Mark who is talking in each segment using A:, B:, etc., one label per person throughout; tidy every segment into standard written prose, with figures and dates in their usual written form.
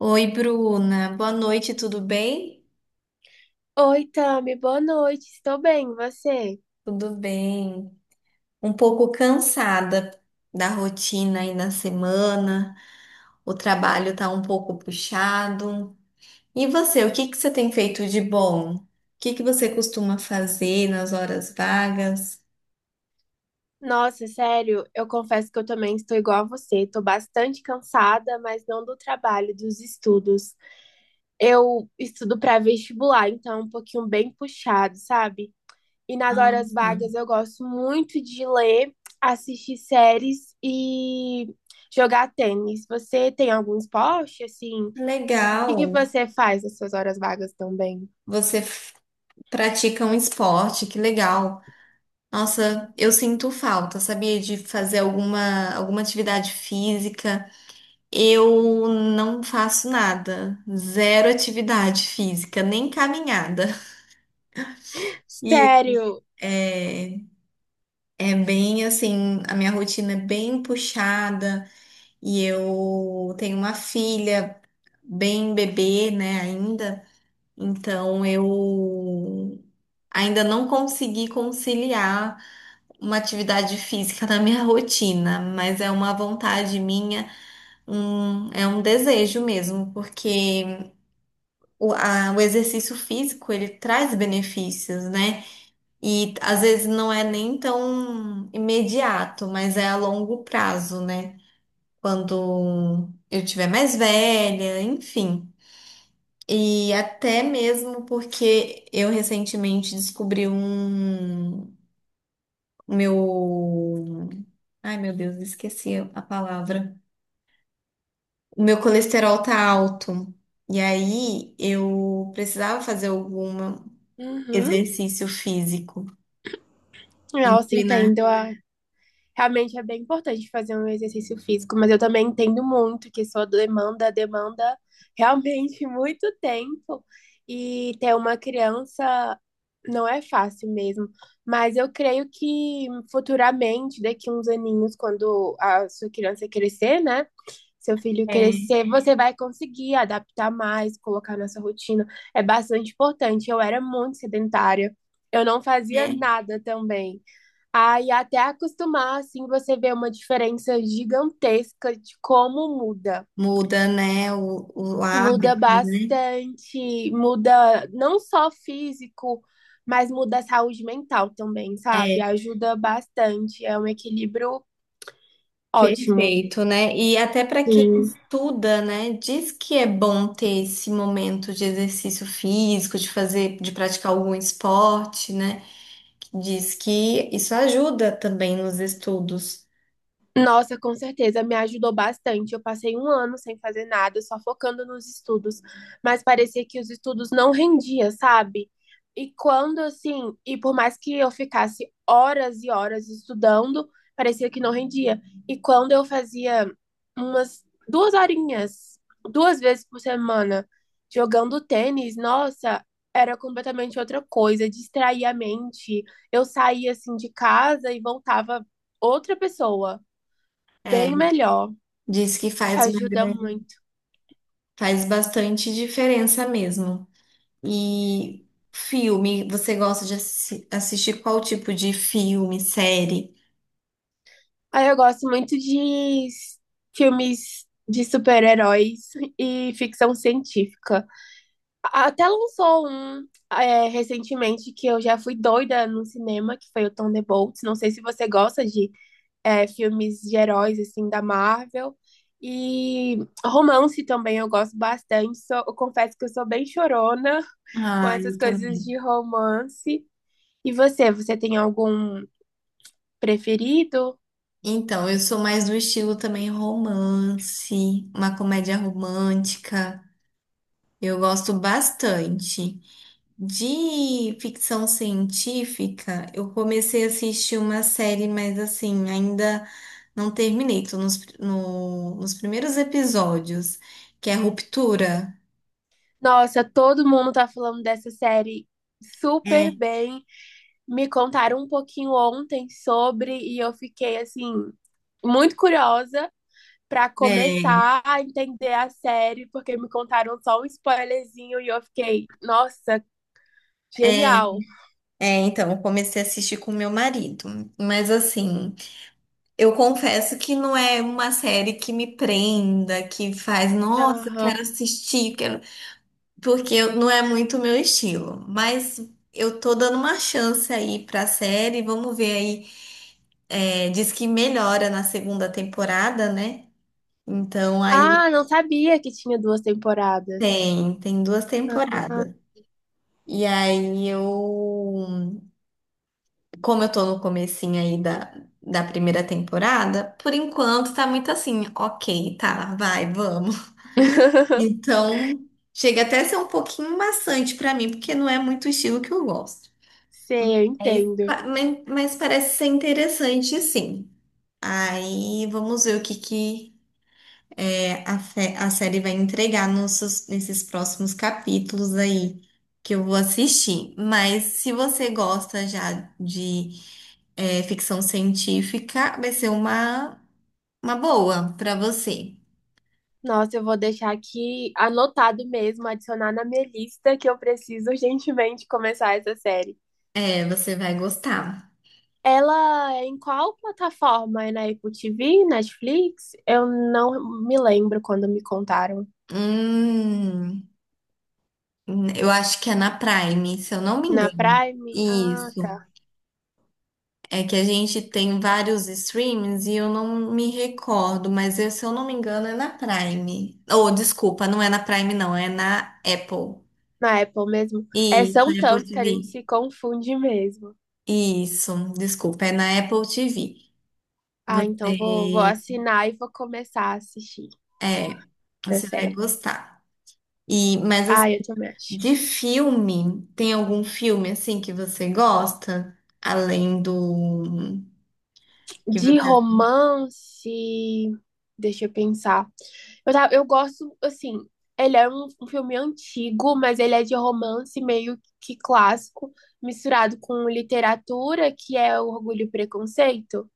A: Oi, Bruna. Boa noite, tudo bem?
B: Oi, Tami, boa noite. Estou bem, e você?
A: Tudo bem. Um pouco cansada da rotina aí na semana. O trabalho tá um pouco puxado. E você, o que que você tem feito de bom? O que que você costuma fazer nas horas vagas?
B: Nossa, sério, eu confesso que eu também estou igual a você. Estou bastante cansada, mas não do trabalho, dos estudos. Eu estudo para vestibular, então é um pouquinho bem puxado, sabe? E nas horas
A: Nossa,
B: vagas eu gosto muito de ler, assistir séries e jogar tênis. Você tem algum esporte, assim? O que que
A: legal.
B: você faz nas suas horas vagas também?
A: Você f- Pratica um esporte, que legal. Nossa, eu sinto falta, sabia, de fazer alguma atividade física. Eu não faço nada, zero atividade física, nem caminhada. E
B: Sério?
A: é, é bem assim, a minha rotina é bem puxada e eu tenho uma filha bem bebê, né, ainda. Então eu ainda não consegui conciliar uma atividade física na minha rotina, mas é uma vontade minha, é um desejo mesmo, porque o exercício físico, ele traz benefícios, né? E às vezes não é nem tão imediato, mas é a longo prazo, né? Quando eu tiver mais velha, enfim. E até mesmo porque eu recentemente descobri um meu. Ai, meu Deus, esqueci a palavra. O meu colesterol tá alto. E aí eu precisava fazer algum
B: Uhum.
A: exercício físico.
B: Nossa,
A: Inclina,
B: entendo. Ah. Realmente é bem importante fazer um exercício físico, mas eu também entendo muito que sua demanda demanda realmente muito tempo e ter uma criança não é fácil mesmo. Mas eu creio que futuramente, daqui uns aninhos, quando a sua criança crescer, né? Seu filho
A: é,
B: crescer, você vai conseguir adaptar mais, colocar na sua rotina. É bastante importante. Eu era muito sedentária, eu não fazia
A: é,
B: nada também. Aí até acostumar, assim, você vê uma diferença gigantesca de como muda.
A: muda, né, o
B: Muda
A: hábito, né?
B: bastante, muda não só físico, mas muda a saúde mental também, sabe?
A: É,
B: Ajuda bastante, é um equilíbrio ótimo.
A: perfeito, né? E até para quem
B: Sim.
A: estuda, né, diz que é bom ter esse momento de exercício físico, de fazer, de praticar algum esporte, né? Diz que isso ajuda também nos estudos.
B: Nossa, com certeza, me ajudou bastante. Eu passei um ano sem fazer nada, só focando nos estudos, mas parecia que os estudos não rendiam, sabe? E quando assim, e por mais que eu ficasse horas e horas estudando, parecia que não rendia. E quando eu fazia umas duas horinhas, duas vezes por semana, jogando tênis, nossa, era completamente outra coisa, distraía a mente. Eu saía assim de casa e voltava outra pessoa
A: É,
B: bem melhor.
A: diz que faz uma
B: Ajuda
A: grande,
B: muito.
A: faz bastante diferença mesmo. E filme, você gosta de assistir qual tipo de filme, série?
B: Aí eu gosto muito de filmes de super-heróis e ficção científica. Até lançou um recentemente que eu já fui doida no cinema, que foi o Thunderbolts. Não sei se você gosta de filmes de heróis, assim, da Marvel. E romance também eu gosto bastante. Eu confesso que eu sou bem chorona com
A: Ah,
B: essas
A: eu
B: coisas
A: também.
B: de romance. E você, você tem algum preferido?
A: Então, eu sou mais do estilo também romance, uma comédia romântica. Eu gosto bastante. De ficção científica, eu comecei a assistir uma série, mas assim, ainda não terminei. Tô nos, no- nos primeiros episódios, que é Ruptura.
B: Nossa, todo mundo tá falando dessa série super
A: É,
B: bem. Me contaram um pouquinho ontem sobre e eu fiquei assim muito curiosa pra
A: é,
B: começar a entender a série, porque me contaram só um spoilerzinho e eu fiquei, nossa,
A: é,
B: genial.
A: então, eu comecei a assistir com meu marido. Mas assim. Eu confesso que não é uma série que me prenda, que faz, nossa, eu
B: Aham.
A: quero assistir, quero... porque não é muito o meu estilo. Mas eu tô dando uma chance aí pra série, vamos ver aí. É, diz que melhora na segunda temporada, né? Então aí
B: Ah, não sabia que tinha duas temporadas.
A: tem duas
B: Ah.
A: temporadas. E aí eu, como eu tô no comecinho aí da primeira temporada, por enquanto tá muito assim, ok, tá, vai, vamos. Então, chega até a ser um pouquinho maçante pra mim, porque não é muito o estilo que eu gosto.
B: Sei, eu
A: Aí,
B: entendo.
A: mas parece ser interessante, sim. Aí, vamos ver o que a série vai entregar nesses próximos capítulos aí que eu vou assistir. Mas se você gosta já de ficção científica, vai ser uma boa pra você.
B: Nossa, eu vou deixar aqui anotado mesmo, adicionar na minha lista que eu preciso urgentemente começar essa série.
A: É, você vai gostar.
B: Ela é em qual plataforma? É na Apple TV, Netflix? Eu não me lembro quando me contaram.
A: Hum. Eu acho que é na Prime, se eu não me
B: Na
A: engano.
B: Prime? Ah,
A: Isso.
B: tá.
A: É que a gente tem vários streams e eu não me recordo, mas se eu não me engano é na Prime. Oh, desculpa, não é na Prime, não, é na Apple.
B: Na Apple mesmo. É,
A: Isso,
B: são
A: na Apple
B: tantos que a gente
A: TV.
B: se confunde mesmo.
A: Isso, desculpa, é na Apple TV.
B: Ah, então vou
A: Você,
B: assinar e vou começar a assistir
A: é, você
B: essa
A: vai
B: série.
A: gostar. E, mas assim,
B: Ah, eu também acho.
A: de filme, tem algum filme assim que você gosta? Além do que
B: De
A: você.
B: romance, deixa eu pensar. Eu gosto, assim, ele é um filme antigo, mas ele é de romance meio que clássico, misturado com literatura, que é o Orgulho e Preconceito.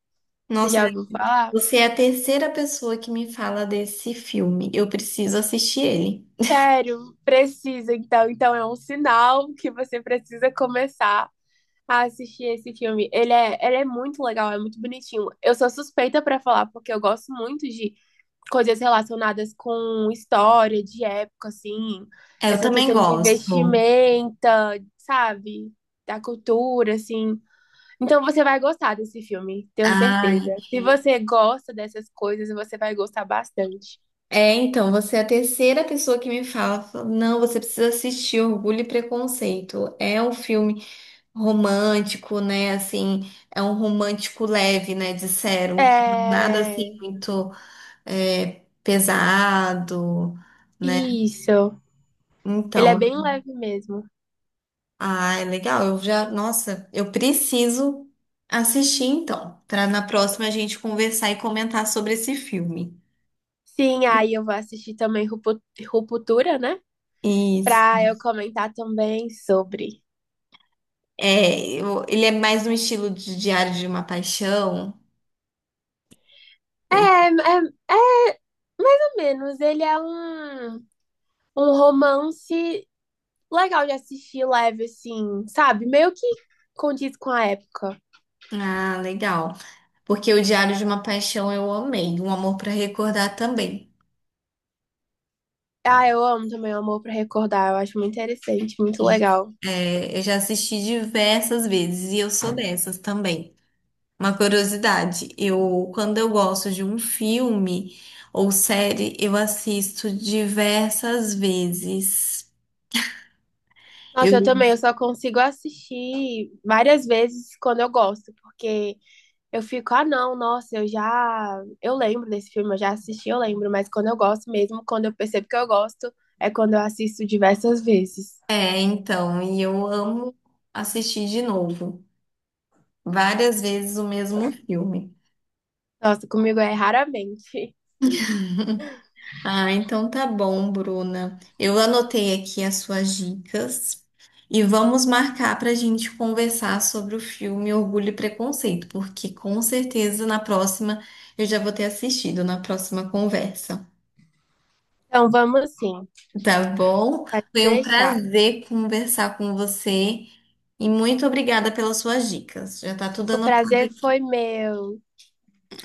B: Você
A: Nossa,
B: já ouviu falar?
A: você é a terceira pessoa que me fala desse filme. Eu preciso assistir ele.
B: Sério, precisa, então. Então é um sinal que você precisa começar a assistir esse filme. Ele é muito legal, é muito bonitinho. Eu sou suspeita pra falar, porque eu gosto muito de coisas relacionadas com história de época, assim,
A: É, eu
B: essa
A: também
B: questão de
A: gosto.
B: vestimenta, sabe? Da cultura, assim. Então você vai gostar desse filme, tenho
A: Ai,
B: certeza. Se você gosta dessas coisas, você vai gostar bastante.
A: é, então, você é a terceira pessoa que me não, você precisa assistir Orgulho e Preconceito. É um filme romântico, né? Assim, é um romântico leve, né? Disseram, nada assim
B: É.
A: muito pesado, né?
B: Isso. Ele é
A: Então,
B: bem leve mesmo.
A: ah, é legal. Eu já, nossa, eu preciso assistir então, para na próxima a gente conversar e comentar sobre esse filme.
B: Sim, aí eu vou assistir também Ruptura, né?
A: Isso.
B: Pra eu comentar também sobre.
A: É, ele é mais um estilo de Diário de uma Paixão.
B: É,
A: É.
B: é, é menos. Ele é um romance legal de assistir, leve, assim, sabe? Meio que condiz com a época.
A: Ah, legal. Porque o Diário de uma Paixão eu amei, Um Amor para Recordar também.
B: Ah, eu amo também o Amor pra Recordar, eu acho muito interessante, muito legal.
A: É, eu já assisti diversas vezes e eu sou dessas também. Uma curiosidade, eu quando eu gosto de um filme ou série, eu assisto diversas vezes.
B: Nossa, eu
A: Eu
B: também, eu só consigo assistir várias vezes quando eu gosto, porque eu fico, ah, não, nossa, eu já. Eu lembro desse filme, eu já assisti, eu lembro, mas quando eu gosto mesmo, quando eu percebo que eu gosto, é quando eu assisto diversas vezes.
A: então, e eu amo assistir de novo, várias vezes o mesmo filme.
B: Nossa, comigo é raramente.
A: Ah, então tá bom, Bruna. Eu anotei aqui as suas dicas e vamos marcar para a gente conversar sobre o filme Orgulho e Preconceito, porque com certeza na próxima eu já vou ter assistido na próxima conversa.
B: Então vamos sim,
A: Tá bom?
B: pode
A: Foi um
B: deixar.
A: prazer conversar com você e muito obrigada pelas suas dicas. Já tá tudo
B: O
A: anotado
B: prazer foi
A: aqui.
B: meu.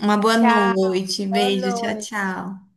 A: Uma boa
B: Tchau,
A: noite,
B: boa
A: beijo, tchau,
B: noite.
A: tchau.